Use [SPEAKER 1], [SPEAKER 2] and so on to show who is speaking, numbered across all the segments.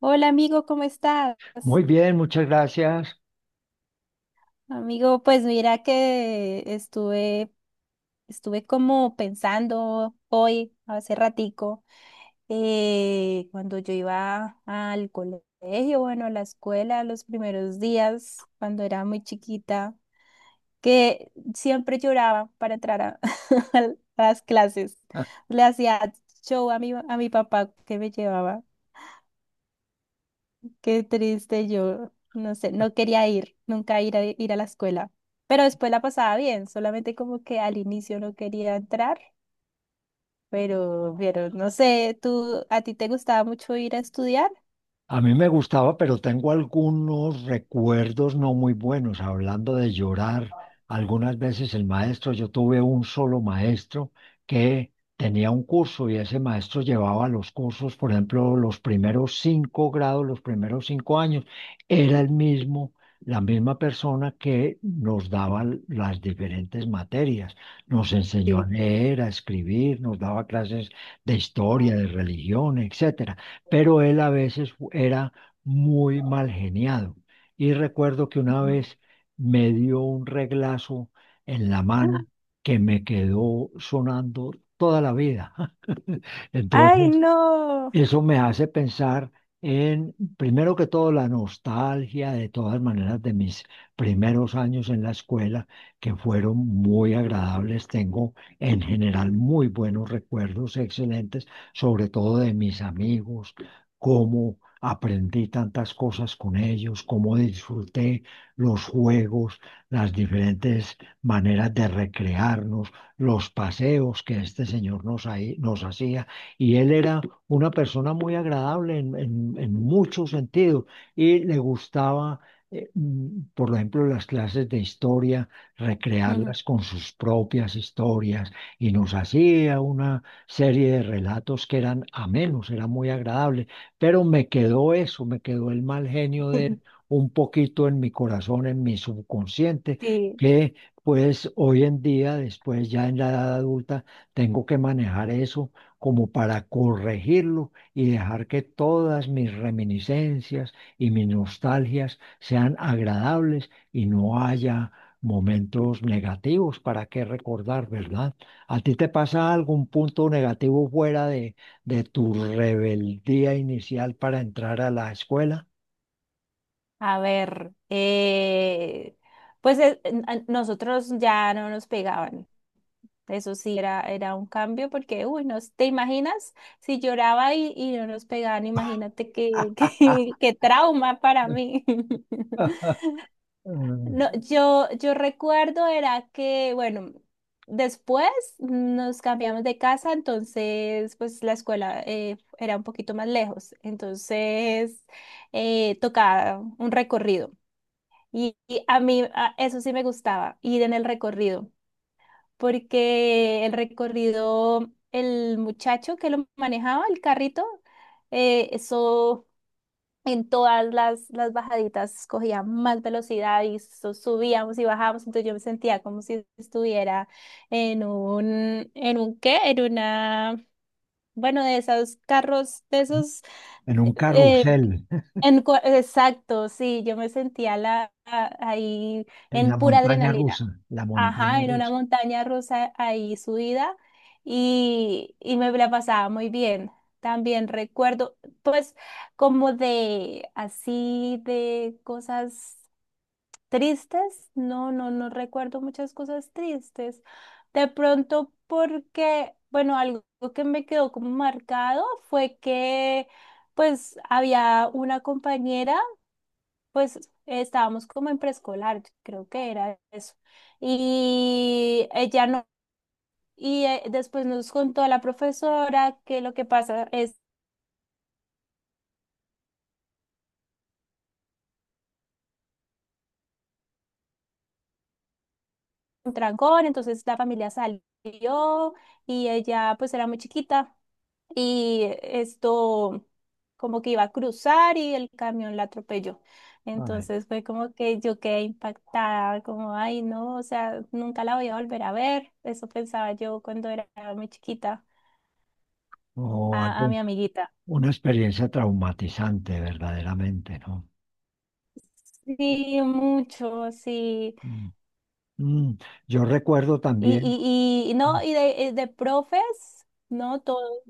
[SPEAKER 1] Hola amigo, ¿cómo estás?
[SPEAKER 2] Muy bien, muchas gracias.
[SPEAKER 1] Amigo, pues mira que estuve, estuve como pensando hoy, hace ratico, cuando yo iba al colegio, bueno, a la escuela, los primeros días, cuando era muy chiquita, que siempre lloraba para entrar a, a las clases. Le hacía show a mi papá que me llevaba. Qué triste, yo no sé, no quería ir, nunca ir a, ir a la escuela, pero después la pasaba bien, solamente como que al inicio no quería entrar, pero no sé, ¿tú a ti te gustaba mucho ir a estudiar?
[SPEAKER 2] A mí me gustaba, pero tengo algunos recuerdos no muy buenos. Hablando de llorar, algunas veces el maestro, yo tuve un solo maestro que tenía un curso y ese maestro llevaba los cursos, por ejemplo, los primeros 5 grados, los primeros 5 años, era el mismo, la misma persona que nos daba las diferentes materias. Nos enseñó a
[SPEAKER 1] Sí.
[SPEAKER 2] leer, a escribir, nos daba clases de historia, de religión, etcétera, pero él a veces era muy mal geniado. Y recuerdo que una
[SPEAKER 1] Ujú.
[SPEAKER 2] vez me dio un reglazo en la mano que me quedó sonando toda la vida.
[SPEAKER 1] Ay,
[SPEAKER 2] Entonces,
[SPEAKER 1] no.
[SPEAKER 2] eso me hace pensar en, primero que todo, la nostalgia de todas maneras de mis primeros años en la escuela, que fueron muy agradables. Tengo en general muy buenos recuerdos, excelentes, sobre todo de mis amigos, cómo aprendí tantas cosas con ellos, cómo disfruté los juegos, las diferentes maneras de recrearnos, los paseos que este señor nos hacía. Y él era una persona muy agradable en muchos sentidos y le gustaba, por ejemplo, las clases de historia,
[SPEAKER 1] Ujú.
[SPEAKER 2] recrearlas con sus propias historias y nos hacía una serie de relatos que eran amenos, era muy agradable, pero me quedó eso, me quedó el mal genio de él un poquito en mi corazón, en mi subconsciente,
[SPEAKER 1] Sí,
[SPEAKER 2] que pues hoy en día, después ya en la edad adulta, tengo que manejar eso como para corregirlo y dejar que todas mis reminiscencias y mis nostalgias sean agradables y no haya momentos negativos para qué recordar, ¿verdad? ¿A ti te pasa algún punto negativo fuera de tu rebeldía inicial para entrar a la escuela?
[SPEAKER 1] a ver, pues a nosotros ya no nos pegaban. Eso sí era un cambio porque, uy, no, ¿te imaginas? Si lloraba y no nos pegaban, imagínate qué,
[SPEAKER 2] Ah,
[SPEAKER 1] qué, qué trauma para mí.
[SPEAKER 2] en
[SPEAKER 1] No, yo recuerdo era que, bueno, después nos cambiamos de casa, entonces, pues la escuela era un poquito más lejos, entonces tocaba un recorrido. Y a mí eso sí me gustaba, ir en el recorrido porque el recorrido, el muchacho que lo manejaba, el carrito, eso en todas las bajaditas cogía más velocidad y subíamos y bajábamos, entonces yo me sentía como si estuviera en un qué, en una, bueno, de esos carros, de esos
[SPEAKER 2] un
[SPEAKER 1] eh,
[SPEAKER 2] carrusel,
[SPEAKER 1] en exacto, sí, yo me sentía ahí
[SPEAKER 2] en
[SPEAKER 1] en
[SPEAKER 2] la
[SPEAKER 1] pura
[SPEAKER 2] montaña
[SPEAKER 1] adrenalina.
[SPEAKER 2] rusa, la
[SPEAKER 1] Ajá,
[SPEAKER 2] montaña
[SPEAKER 1] en una
[SPEAKER 2] rusa.
[SPEAKER 1] montaña rusa ahí subida y me la pasaba muy bien. También recuerdo, pues, como de así de cosas. Tristes, no, no recuerdo muchas cosas tristes. De pronto porque, bueno, algo que me quedó como marcado fue que pues había una compañera, pues estábamos como en preescolar, creo que era eso. Y ella no, y después nos contó la profesora que lo que pasa es un trancón, entonces la familia salió y ella pues era muy chiquita. Y esto como que iba a cruzar y el camión la atropelló.
[SPEAKER 2] Ay,
[SPEAKER 1] Entonces fue como que yo quedé impactada, como, ay, no, o sea, nunca la voy a volver a ver. Eso pensaba yo cuando era muy chiquita,
[SPEAKER 2] o algo.
[SPEAKER 1] a mi amiguita.
[SPEAKER 2] Una experiencia traumatizante, verdaderamente, ¿no?
[SPEAKER 1] Sí, mucho, sí.
[SPEAKER 2] Mm, mm. Yo recuerdo
[SPEAKER 1] Y,
[SPEAKER 2] también.
[SPEAKER 1] y no,
[SPEAKER 2] ah,
[SPEAKER 1] y de profes, no todo.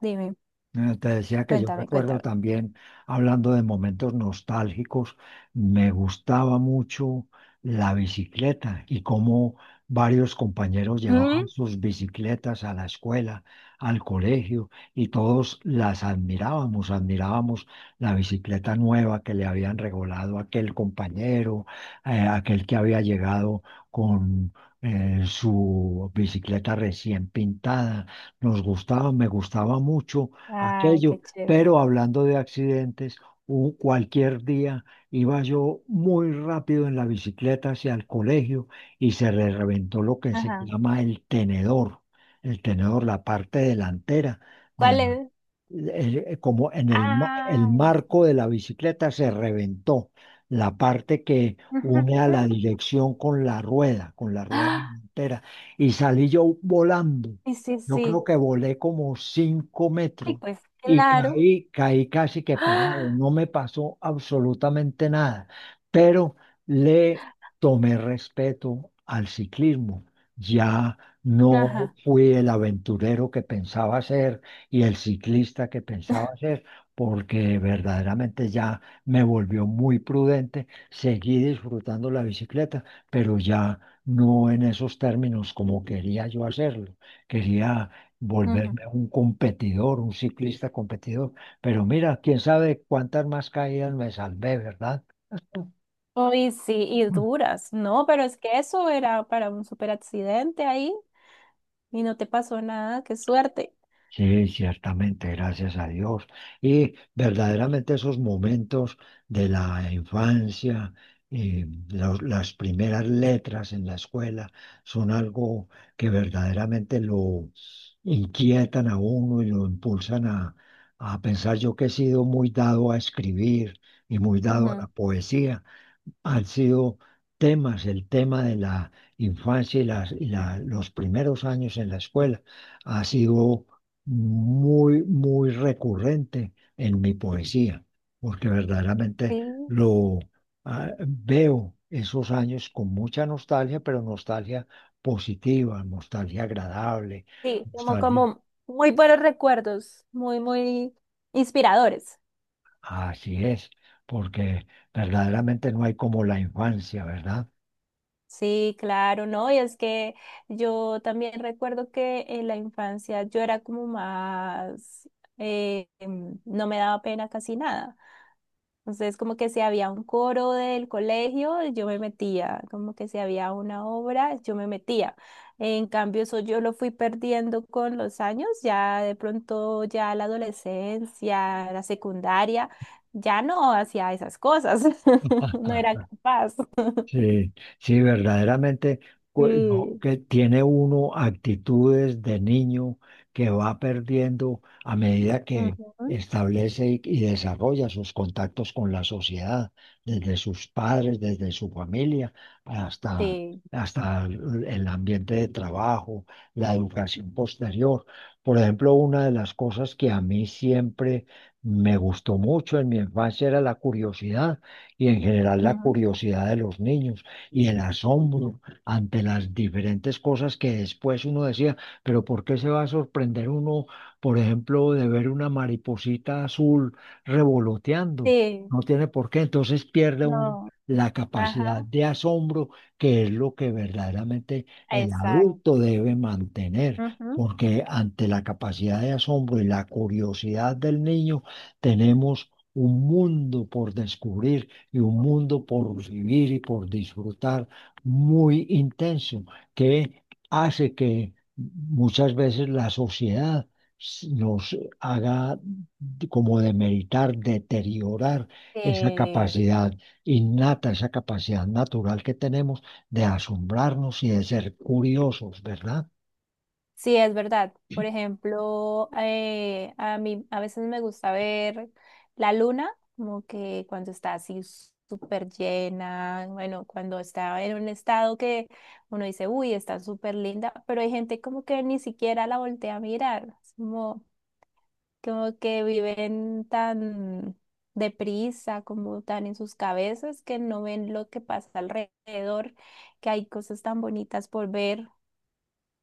[SPEAKER 1] Dime,
[SPEAKER 2] Te decía que yo
[SPEAKER 1] cuéntame,
[SPEAKER 2] recuerdo
[SPEAKER 1] cuéntame.
[SPEAKER 2] también, hablando de momentos nostálgicos, me gustaba mucho la bicicleta y cómo varios compañeros
[SPEAKER 1] ¿Mm?
[SPEAKER 2] llevaban sus bicicletas a la escuela, al colegio, y todos las admirábamos, admirábamos la bicicleta nueva que le habían regalado a aquel compañero, aquel que había llegado con... su bicicleta recién pintada, me gustaba mucho
[SPEAKER 1] Ay, qué
[SPEAKER 2] aquello.
[SPEAKER 1] chévere.
[SPEAKER 2] Pero hablando de accidentes, cualquier día iba yo muy rápido en la bicicleta hacia el colegio y se le reventó lo que se
[SPEAKER 1] Ajá.
[SPEAKER 2] llama el tenedor, la parte delantera de
[SPEAKER 1] ¿Cuál
[SPEAKER 2] la-
[SPEAKER 1] es?
[SPEAKER 2] como en el
[SPEAKER 1] Ay.
[SPEAKER 2] marco de la bicicleta se reventó la parte que
[SPEAKER 1] Ujú.
[SPEAKER 2] une a la dirección con la rueda entera, y salí yo volando.
[SPEAKER 1] Sí, sí,
[SPEAKER 2] Yo creo
[SPEAKER 1] sí.
[SPEAKER 2] que volé como cinco
[SPEAKER 1] Ay,
[SPEAKER 2] metros
[SPEAKER 1] pues
[SPEAKER 2] y
[SPEAKER 1] claro.
[SPEAKER 2] caí, caí casi que pagado.
[SPEAKER 1] ¡Ah!
[SPEAKER 2] No me pasó absolutamente nada, pero le tomé respeto al ciclismo. Ya no
[SPEAKER 1] Ajá.
[SPEAKER 2] fui el aventurero que pensaba ser y el ciclista que pensaba ser, porque verdaderamente ya me volvió muy prudente. Seguí disfrutando la bicicleta, pero ya no en esos términos como quería yo hacerlo. Quería
[SPEAKER 1] Ujú.
[SPEAKER 2] volverme un competidor, un ciclista competidor. Pero mira, quién sabe cuántas más caídas me salvé, ¿verdad?
[SPEAKER 1] Uy, sí, y
[SPEAKER 2] Mm.
[SPEAKER 1] duras. No, pero es que eso era para un super accidente ahí y no te pasó nada, qué suerte.
[SPEAKER 2] Sí, ciertamente, gracias a Dios. Y verdaderamente esos momentos de la infancia, las primeras letras en la escuela, son algo que verdaderamente lo inquietan a uno y lo impulsan a pensar. Yo que he sido muy dado a escribir y muy dado a la
[SPEAKER 1] Ujú.
[SPEAKER 2] poesía, han sido temas, el tema de la infancia y los primeros años en la escuela ha sido muy, muy recurrente en mi poesía, porque verdaderamente
[SPEAKER 1] Sí,
[SPEAKER 2] lo veo esos años con mucha nostalgia, pero nostalgia positiva, nostalgia agradable,
[SPEAKER 1] sí, como,
[SPEAKER 2] nostalgia.
[SPEAKER 1] como muy buenos recuerdos, muy, muy inspiradores.
[SPEAKER 2] Así es, porque verdaderamente no hay como la infancia, ¿verdad?
[SPEAKER 1] Sí, claro, ¿no? Y es que yo también recuerdo que en la infancia yo era como más, no me daba pena casi nada. Entonces, como que si había un coro del colegio, yo me metía, como que si había una obra, yo me metía. En cambio, eso yo lo fui perdiendo con los años, ya de pronto, ya la adolescencia, la secundaria, ya no hacía esas cosas, no era capaz.
[SPEAKER 2] Sí, sí, verdaderamente, pues, no,
[SPEAKER 1] Sí.
[SPEAKER 2] que tiene uno actitudes de niño que va perdiendo a medida que
[SPEAKER 1] Ujú.
[SPEAKER 2] establece y desarrolla sus contactos con la sociedad, desde sus padres, desde su familia, hasta,
[SPEAKER 1] Sí.
[SPEAKER 2] hasta el ambiente de trabajo, la educación posterior. Por ejemplo, una de las cosas que a mí siempre me gustó mucho en mi infancia era la curiosidad y en general la
[SPEAKER 1] Ujú.
[SPEAKER 2] curiosidad de los niños y el asombro ante las diferentes cosas que después uno decía, pero ¿por qué se va a sorprender uno, por ejemplo, de ver una mariposita azul revoloteando?
[SPEAKER 1] Sí.
[SPEAKER 2] No tiene por qué, entonces pierde uno
[SPEAKER 1] No.
[SPEAKER 2] la capacidad
[SPEAKER 1] Ajá.
[SPEAKER 2] de asombro, que es lo que verdaderamente el
[SPEAKER 1] Exacto.
[SPEAKER 2] adulto debe mantener.
[SPEAKER 1] Ujú.
[SPEAKER 2] Porque ante la capacidad de asombro y la curiosidad del niño, tenemos un mundo por descubrir y un mundo por vivir y por disfrutar muy intenso, que hace que muchas veces la sociedad nos haga como demeritar, deteriorar esa
[SPEAKER 1] Sí.
[SPEAKER 2] capacidad innata, esa capacidad natural que tenemos de asombrarnos y de ser curiosos, ¿verdad?
[SPEAKER 1] Sí, es verdad. Por ejemplo, a mí a veces me gusta ver la luna, como que cuando está así súper llena, bueno, cuando está en un estado que uno dice, uy, está súper linda, pero hay gente como que ni siquiera la voltea a mirar, es como, como que viven tan deprisa, como tan en sus cabezas, que no ven lo que pasa alrededor, que hay cosas tan bonitas por ver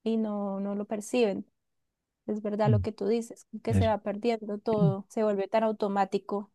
[SPEAKER 1] y no, no lo perciben. Es verdad lo
[SPEAKER 2] Mm.
[SPEAKER 1] que tú dices, que se
[SPEAKER 2] Es-
[SPEAKER 1] va perdiendo todo, se vuelve tan automático.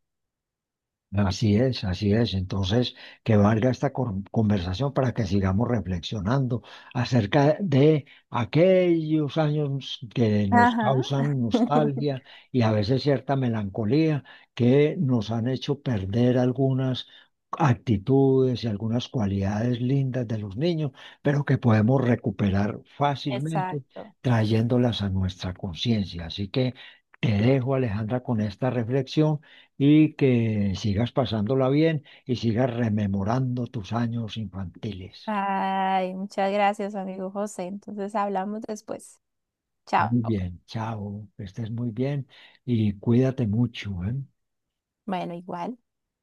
[SPEAKER 2] Así es, así es. Entonces, que valga esta conversación para que sigamos reflexionando acerca de aquellos años que nos
[SPEAKER 1] Ajá.
[SPEAKER 2] causan nostalgia y a veces cierta melancolía que nos han hecho perder algunas actitudes y algunas cualidades lindas de los niños, pero que podemos recuperar fácilmente
[SPEAKER 1] Exacto.
[SPEAKER 2] trayéndolas a nuestra conciencia. Así que te dejo, Alejandra, con esta reflexión y que sigas pasándola bien y sigas rememorando tus años infantiles.
[SPEAKER 1] Ay, muchas gracias, amigo José. Entonces hablamos después. Chao.
[SPEAKER 2] Muy bien, chao, que estés muy bien y cuídate mucho, ¿eh?
[SPEAKER 1] Bueno, igual.